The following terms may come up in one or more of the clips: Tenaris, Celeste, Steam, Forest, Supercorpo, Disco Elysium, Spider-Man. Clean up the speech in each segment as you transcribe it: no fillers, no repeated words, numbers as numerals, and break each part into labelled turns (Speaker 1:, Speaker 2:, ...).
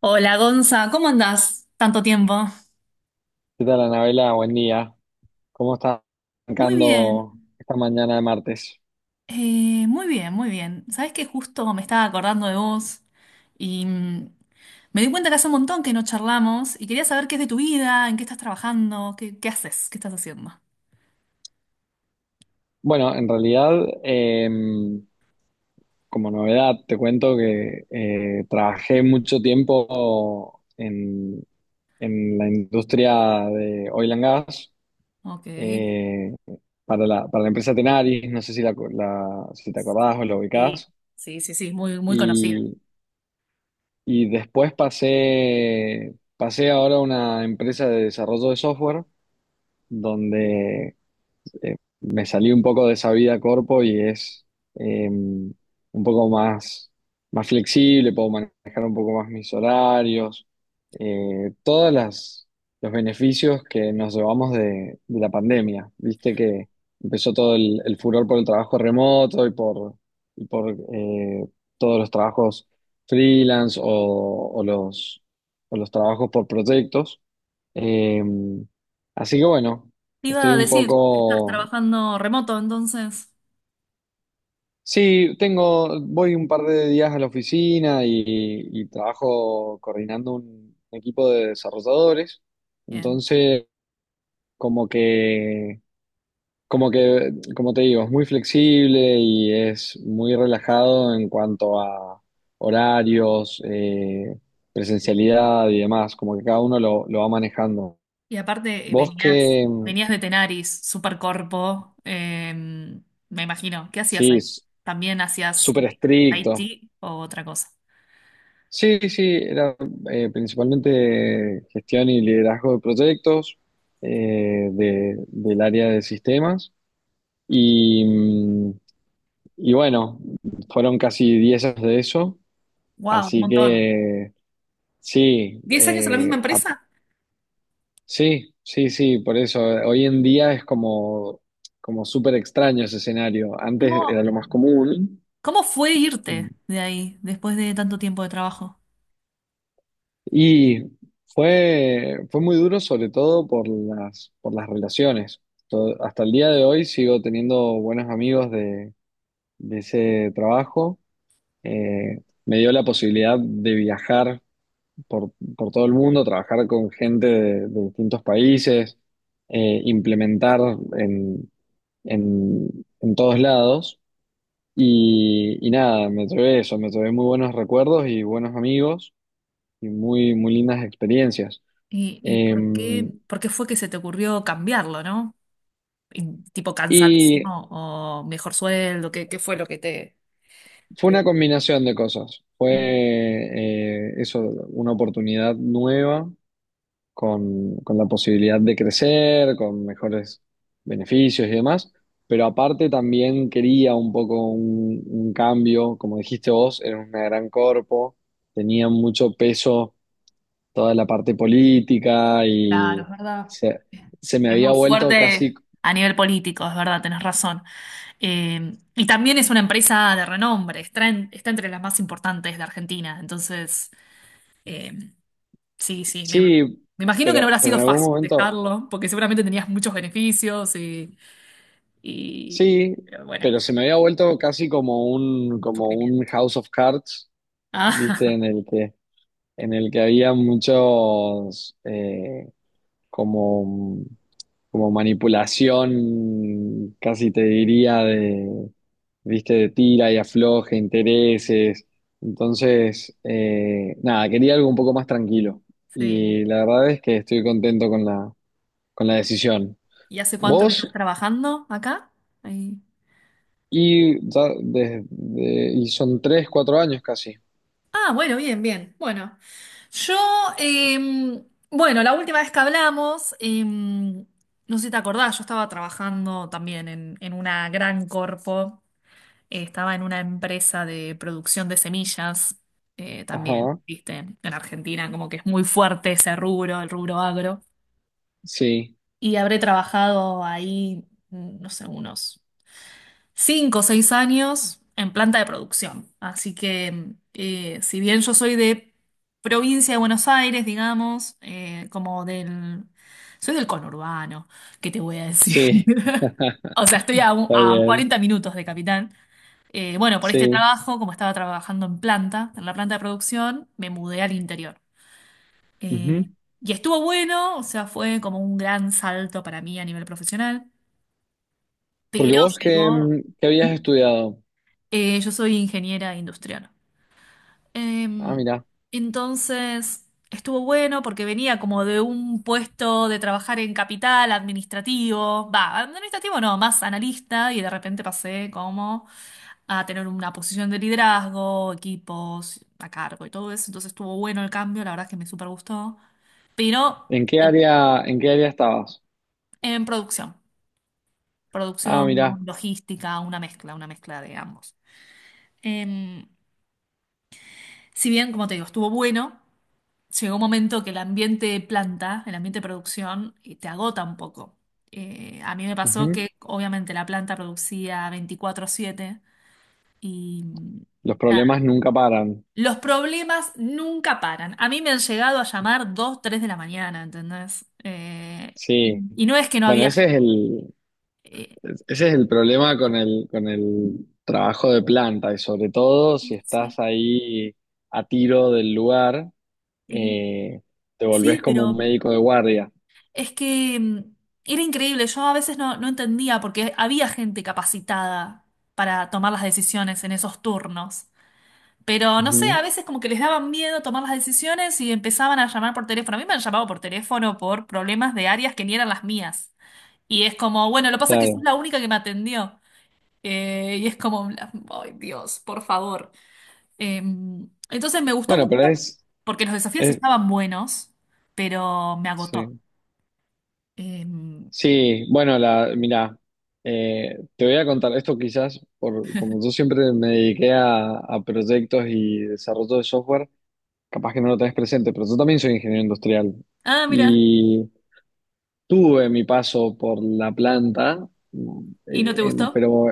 Speaker 1: Hola Gonza, ¿cómo andás? Tanto tiempo.
Speaker 2: ¿Qué tal, Anabela? Buen día. ¿Cómo estás
Speaker 1: Muy bien,
Speaker 2: arrancando esta mañana de martes?
Speaker 1: muy bien, muy bien. Sabés que justo me estaba acordando de vos y me di cuenta que hace un montón que no charlamos y quería saber qué es de tu vida, en qué estás trabajando, qué haces, qué estás haciendo.
Speaker 2: Bueno, en realidad, eh, como novedad, te cuento que trabajé mucho tiempo en la industria de oil and gas
Speaker 1: Ok.
Speaker 2: eh, para la empresa Tenaris, no sé si, si te acordás o la
Speaker 1: Sí,
Speaker 2: ubicás,
Speaker 1: sí, sí, sí, muy, muy conocida.
Speaker 2: y, y después pasé ahora a una empresa de desarrollo de software donde me salí un poco de esa vida corpo y es un poco más flexible, puedo manejar un poco más mis horarios, todas los beneficios que nos llevamos de la pandemia. Viste que empezó todo el furor por el trabajo remoto y por todos los trabajos freelance o o los trabajos por proyectos. Eh, Así que bueno,
Speaker 1: Te iba
Speaker 2: estoy
Speaker 1: a
Speaker 2: un
Speaker 1: decir que estás
Speaker 2: poco.
Speaker 1: trabajando remoto, entonces.
Speaker 2: Sí, tengo, voy un par de días a la oficina y trabajo coordinando un equipo de desarrolladores.
Speaker 1: Bien.
Speaker 2: Entonces, como que, como que, como te digo, es muy flexible y es muy relajado en cuanto a horarios, presencialidad y demás. Como que cada uno lo va manejando.
Speaker 1: Y aparte
Speaker 2: Vos que,
Speaker 1: venías de Tenaris, Supercorpo, me imagino. ¿Qué hacías
Speaker 2: sí,
Speaker 1: ahí? ¿También hacías
Speaker 2: súper estricto.
Speaker 1: IT o otra cosa?
Speaker 2: Sí, sí, era principalmente gestión y liderazgo de proyectos del área de sistemas. Y, mm, y bueno, fueron casi 10 años de eso.
Speaker 1: ¡Wow! Un
Speaker 2: Así
Speaker 1: montón.
Speaker 2: que sí,
Speaker 1: ¿Diez años en la misma empresa?
Speaker 2: sí, sí, sí, por eso. Hoy en día es como súper extraño ese escenario. Antes era
Speaker 1: ¿Cómo,
Speaker 2: lo más común.
Speaker 1: cómo fue irte de ahí después de tanto tiempo de trabajo?
Speaker 2: Y fue muy duro, sobre todo por por las relaciones. Hasta el día de hoy sigo teniendo buenos amigos de ese trabajo. Me dio la posibilidad de viajar por todo el mundo, trabajar con gente de distintos países, implementar en, en todos lados. Y nada, me llevé eso, me llevé muy buenos recuerdos y buenos amigos y muy, muy lindas experiencias.
Speaker 1: Y
Speaker 2: Eh,
Speaker 1: por qué fue que se te ocurrió cambiarlo, no? Y, tipo
Speaker 2: y
Speaker 1: cansadísimo o mejor sueldo, qué fue lo que te,
Speaker 2: fue una combinación de cosas. Fue
Speaker 1: te...
Speaker 2: eso, una oportunidad nueva con la posibilidad de crecer, con mejores beneficios y demás. Pero aparte también quería un poco un cambio, como dijiste vos, era una gran corpo, tenía mucho peso toda la parte política
Speaker 1: Claro, es verdad.
Speaker 2: se, se me
Speaker 1: Es
Speaker 2: había
Speaker 1: muy
Speaker 2: vuelto casi,
Speaker 1: fuerte a nivel político, es verdad, tenés razón. Y también es una empresa de renombre, está, está entre las más importantes de Argentina. Entonces, eh, sí, sí,
Speaker 2: sí,
Speaker 1: me imagino que no habrá
Speaker 2: pero en
Speaker 1: sido
Speaker 2: algún
Speaker 1: fácil
Speaker 2: momento...
Speaker 1: dejarlo, porque seguramente tenías muchos beneficios y-
Speaker 2: Sí,
Speaker 1: pero bueno,
Speaker 2: pero se me había vuelto casi como como un
Speaker 1: sufrimiento.
Speaker 2: House of Cards, ¿viste?
Speaker 1: Ah,
Speaker 2: En el que había muchos como, como manipulación, casi te diría, de, ¿viste? De tira y afloje, intereses. Entonces, nada, quería algo un poco más tranquilo.
Speaker 1: sí.
Speaker 2: Y la verdad es que estoy contento con con la decisión.
Speaker 1: ¿Y hace cuánto que
Speaker 2: ¿Vos
Speaker 1: estás trabajando acá? Ahí.
Speaker 2: Y son tres, cuatro años casi.
Speaker 1: Ah, bueno, bien, bien. Bueno. Yo, em, bueno, la última vez que hablamos, no sé si te acordás, yo estaba trabajando también en una gran corpo, estaba en una empresa de producción de semillas, también,
Speaker 2: Ajá,
Speaker 1: viste, en Argentina como que es muy fuerte ese rubro, el rubro agro,
Speaker 2: sí,
Speaker 1: y habré trabajado ahí, no sé, unos 5 o 6 años en planta de producción. Así que si bien yo soy de provincia de Buenos Aires, digamos, como del... Soy del conurbano, ¿qué te voy a decir?
Speaker 2: sí.
Speaker 1: O sea, estoy a,
Speaker 2: Está
Speaker 1: a
Speaker 2: bien,
Speaker 1: 40 minutos de Capital. Bueno, por este
Speaker 2: sí.
Speaker 1: trabajo, como estaba trabajando en planta, en la planta de producción, me mudé al interior.
Speaker 2: Ujú.
Speaker 1: Eh, y estuvo bueno, o sea, fue como un gran salto para mí a nivel profesional,
Speaker 2: Porque
Speaker 1: pero
Speaker 2: vos, ¿qué,
Speaker 1: llegó...
Speaker 2: qué habías estudiado?
Speaker 1: Yo soy ingeniera industrial.
Speaker 2: Ah,
Speaker 1: Em,
Speaker 2: mira.
Speaker 1: entonces, estuvo bueno porque venía como de un puesto de trabajar en capital administrativo, va, administrativo no, más analista y de repente pasé como a tener una posición de liderazgo, equipos a cargo y todo eso. Entonces estuvo bueno el cambio, la verdad es que me súper gustó, pero
Speaker 2: En qué área estabas?
Speaker 1: en producción,
Speaker 2: Ah,
Speaker 1: producción,
Speaker 2: mira.
Speaker 1: logística, una mezcla de ambos. Em, si bien, como te digo, estuvo bueno. Llegó un momento que el ambiente de planta, el ambiente de producción, te agota un poco. A mí me pasó
Speaker 2: Ujú.
Speaker 1: que obviamente la planta producía veinticuatro siete y
Speaker 2: Los
Speaker 1: nada,
Speaker 2: problemas nunca paran.
Speaker 1: los problemas nunca paran. A mí me han llegado a llamar 2 3 de la mañana, ¿entendés?
Speaker 2: Sí.
Speaker 1: Y, y no es que no
Speaker 2: Bueno,
Speaker 1: había...
Speaker 2: ese
Speaker 1: gen-
Speaker 2: es
Speaker 1: eh,
Speaker 2: ese es el problema con con el trabajo de planta y sobre todo si
Speaker 1: sí,
Speaker 2: estás ahí a tiro del lugar.
Speaker 1: eh,
Speaker 2: eh, Te
Speaker 1: sí,
Speaker 2: volvés como un
Speaker 1: pero
Speaker 2: médico de guardia.
Speaker 1: es que era increíble. Yo a veces no entendía porque había gente capacitada para tomar las decisiones en esos turnos. Pero no sé,
Speaker 2: Ujú,
Speaker 1: a veces como que les daban miedo tomar las decisiones y empezaban a llamar por teléfono. A mí me han llamado por teléfono por problemas de áreas que ni eran las mías. Y es como, bueno, lo que pasa es que sos
Speaker 2: claro.
Speaker 1: la única que me atendió. Y es como, ay Dios, por favor. Eh, entonces me gustó
Speaker 2: Bueno,
Speaker 1: mucho
Speaker 2: pero
Speaker 1: porque los desafíos
Speaker 2: es-
Speaker 1: estaban buenos, pero me agotó.
Speaker 2: sí.
Speaker 1: Eh,
Speaker 2: Sí, bueno, mira, te voy a contar esto quizás, por, como yo siempre me dediqué a proyectos y desarrollo de software, capaz que no lo tenés presente, pero yo también soy ingeniero industrial
Speaker 1: ah, mira,
Speaker 2: y tuve mi paso por la planta, mm,
Speaker 1: ¿y no te gustó?
Speaker 2: pero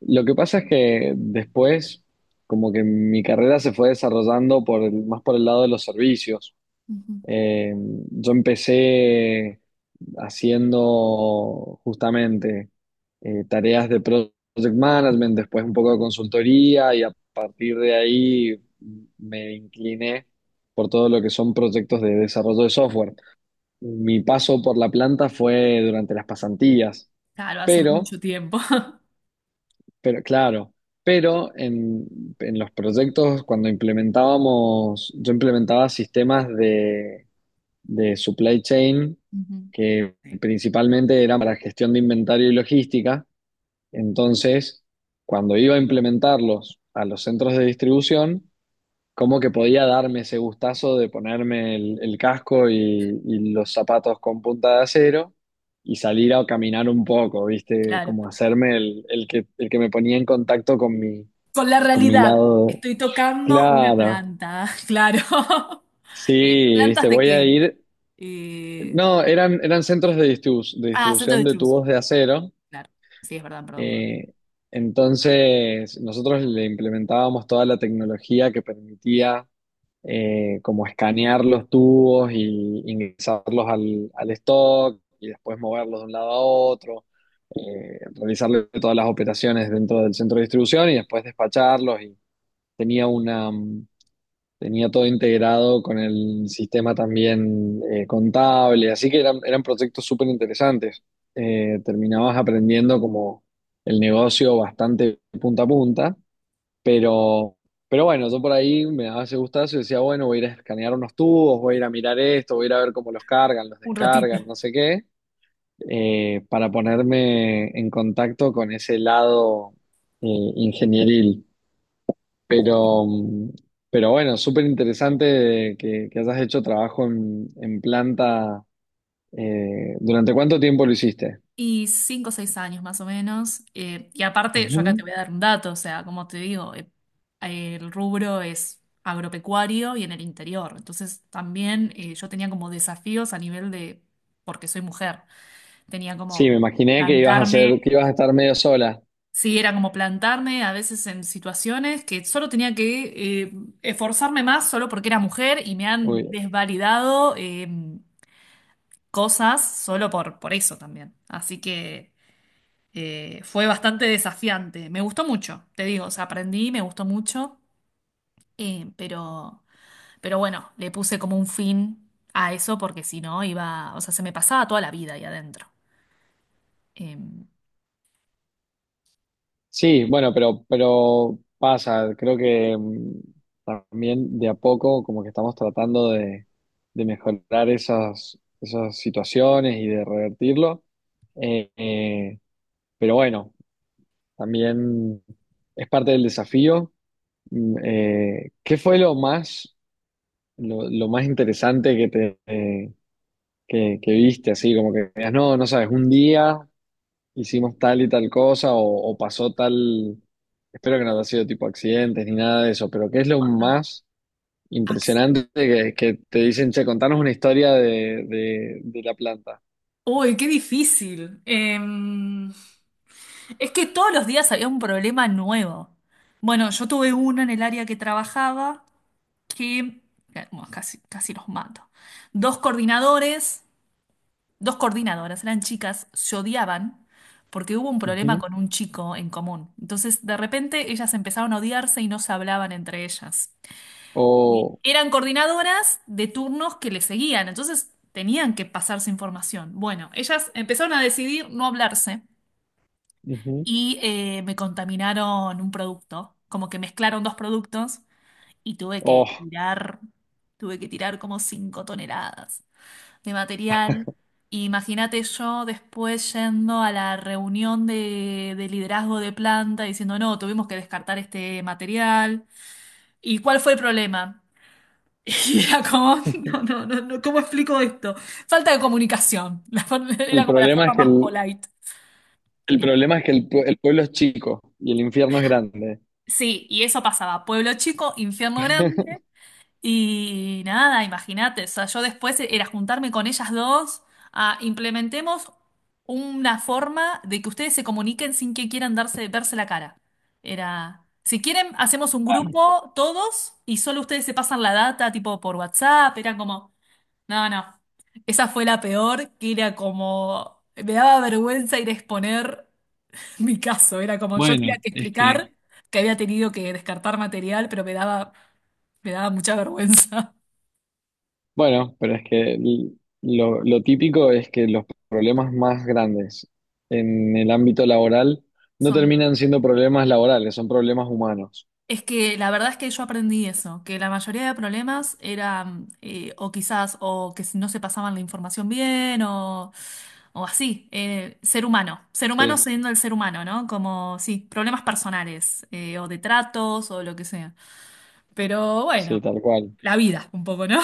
Speaker 2: lo que pasa es que después, como que mi carrera se fue desarrollando por más por el lado de los servicios.
Speaker 1: Ujú.
Speaker 2: Eh, yo empecé haciendo justamente tareas de project management, después un poco de consultoría y a partir de ahí me incliné por todo lo que son proyectos de desarrollo de software. Mi paso por la planta fue durante las pasantías,
Speaker 1: Claro, hace
Speaker 2: pero
Speaker 1: mucho tiempo.
Speaker 2: pero claro, pero en los proyectos cuando implementábamos, yo implementaba sistemas de supply chain
Speaker 1: Ujú.
Speaker 2: que
Speaker 1: Sí,
Speaker 2: principalmente eran para gestión de inventario y logística. Entonces, cuando iba a implementarlos a los centros de distribución, como que podía darme ese gustazo de ponerme el casco y los zapatos con punta de acero y salir a caminar un poco, ¿viste?
Speaker 1: claro.
Speaker 2: Como hacerme el que me ponía en contacto
Speaker 1: Con la
Speaker 2: con mi
Speaker 1: realidad,
Speaker 2: lado.
Speaker 1: estoy tocando una
Speaker 2: Claro,
Speaker 1: planta, claro. Eh,
Speaker 2: sí,
Speaker 1: ¿Plantas
Speaker 2: ¿viste?
Speaker 1: de
Speaker 2: Voy a
Speaker 1: qué?
Speaker 2: ir...
Speaker 1: Eh,
Speaker 2: No, eran centros de de
Speaker 1: ah, centro
Speaker 2: distribución
Speaker 1: de
Speaker 2: de
Speaker 1: distribución,
Speaker 2: tubos de acero.
Speaker 1: claro. Sí, es verdad, perdón, perdón.
Speaker 2: eh, entonces, nosotros le implementábamos toda la tecnología que permitía como escanear los tubos y ingresarlos al stock y después moverlos de un lado a otro, realizarle todas las operaciones dentro del centro de distribución y después despacharlos y tenía tenía todo integrado con el sistema también contable, así que eran proyectos súper interesantes. Terminabas aprendiendo como el negocio bastante punta a punta pero, pero bueno, yo por ahí me daba ese gustazo y decía, bueno, voy a ir a escanear unos tubos, voy a ir a mirar esto, voy a ir a ver cómo los cargan, los
Speaker 1: Un ratito.
Speaker 2: descargan, no sé qué, para ponerme en contacto con ese lado eh, ingenieril. Pero, pero bueno, súper interesante que hayas hecho trabajo en planta. Eh, ¿durante cuánto tiempo lo hiciste?
Speaker 1: Y 5 o 6 años más o menos. Y aparte, yo acá te
Speaker 2: Ujú.
Speaker 1: voy a dar un dato, o sea, como te digo, el rubro es agropecuario y en el interior. Entonces, también yo tenía como desafíos a nivel de, porque soy mujer, tenía
Speaker 2: Sí,
Speaker 1: como
Speaker 2: me
Speaker 1: que
Speaker 2: imaginé que ibas a hacer,
Speaker 1: plantarme.
Speaker 2: que ibas a estar medio sola.
Speaker 1: Sí, era como plantarme a veces en situaciones que solo tenía que esforzarme más solo porque era mujer y me han desvalidado cosas solo por eso también. Así que fue bastante desafiante. Me gustó mucho, te digo, o sea, aprendí, me gustó mucho, eh, pero, pero bueno, le puse como un fin a eso porque si no iba, o sea, se me pasaba toda la vida ahí adentro. Em,
Speaker 2: Sí, bueno, pero pasa, creo que también de a poco como que estamos tratando de mejorar esas situaciones y de revertirlo. Eh, eh, pero bueno, también es parte del desafío. ¿Qué fue lo más, lo más interesante que te que viste? Así como que digas, no, no sabes, un día hicimos tal y tal cosa o pasó tal, espero que no haya sido tipo accidentes ni nada de eso, pero ¿qué es lo más
Speaker 1: ac-
Speaker 2: impresionante que te dicen, che, contanos una historia de la planta?
Speaker 1: Uy, qué difícil. Em, es que todos los días había un problema nuevo. Bueno, yo tuve uno en el área que trabajaba que, bueno, casi los mato. Dos coordinadores, dos coordinadoras, eran chicas, se odiaban porque hubo un problema
Speaker 2: Ujú.
Speaker 1: con un chico en común. Entonces, de repente, ellas empezaron a odiarse y no se hablaban entre ellas.
Speaker 2: O,
Speaker 1: Eran coordinadoras de turnos que le seguían, entonces tenían que pasarse información. Bueno, ellas empezaron a decidir no hablarse.
Speaker 2: ujú.
Speaker 1: Y me contaminaron un producto, como que mezclaron dos productos y
Speaker 2: Oh,
Speaker 1: tuve que tirar como 5 toneladas de material. Imagínate yo después yendo a la reunión de liderazgo de planta diciendo, no, tuvimos que descartar este material. ¿Y cuál fue el problema? Y era como, no, no, no, no, ¿cómo explico esto? Falta de comunicación. La forma- era
Speaker 2: el
Speaker 1: como la
Speaker 2: problema es que
Speaker 1: forma más polite.
Speaker 2: el pueblo es chico y el infierno es grande.
Speaker 1: Sí, y eso pasaba. Pueblo chico, infierno grande. Y nada, imagínate. O sea, yo después era juntarme con ellas dos a implementemos una forma de que ustedes se comuniquen sin que quieran darse, verse la cara. Era, si quieren, hacemos un grupo todos y solo ustedes se pasan la data, tipo por WhatsApp. Era como, no, no. Esa fue la peor, que era como, me daba vergüenza ir a exponer. Mi caso era como yo tenía
Speaker 2: Bueno,
Speaker 1: que
Speaker 2: es que
Speaker 1: explicar que había tenido que descartar material, me daba mucha vergüenza.
Speaker 2: bueno, pero es que lo típico es que los problemas más grandes en el ámbito laboral no
Speaker 1: Son,
Speaker 2: terminan siendo problemas laborales, son problemas humanos.
Speaker 1: es que la verdad es que yo aprendí eso, que la mayoría de problemas eran o quizás o que si no se pasaban la información bien o así, ser humano
Speaker 2: Sí,
Speaker 1: siendo el ser humano, ¿no? Como, sí, problemas personales o de tratos o lo que sea. Pero
Speaker 2: sí,
Speaker 1: bueno,
Speaker 2: tal cual.
Speaker 1: la vida un poco, ¿no?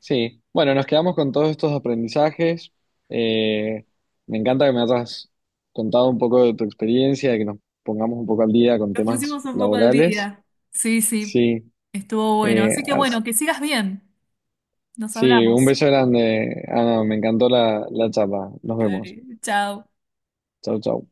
Speaker 2: Sí, bueno, nos quedamos con todos estos aprendizajes. Eh, Me encanta que me hayas contado un poco de tu experiencia, de que nos pongamos un poco al día con
Speaker 1: Nos
Speaker 2: temas
Speaker 1: pusimos un poco al
Speaker 2: laborales.
Speaker 1: día. Sí, sí,
Speaker 2: Sí,
Speaker 1: estuvo bueno.
Speaker 2: eh,
Speaker 1: Así que
Speaker 2: as-
Speaker 1: bueno, que sigas bien. Nos
Speaker 2: sí, un
Speaker 1: hablamos.
Speaker 2: beso grande. Ana, me encantó la charla. Nos
Speaker 1: Dale,
Speaker 2: vemos.
Speaker 1: chao.
Speaker 2: Chau, chau.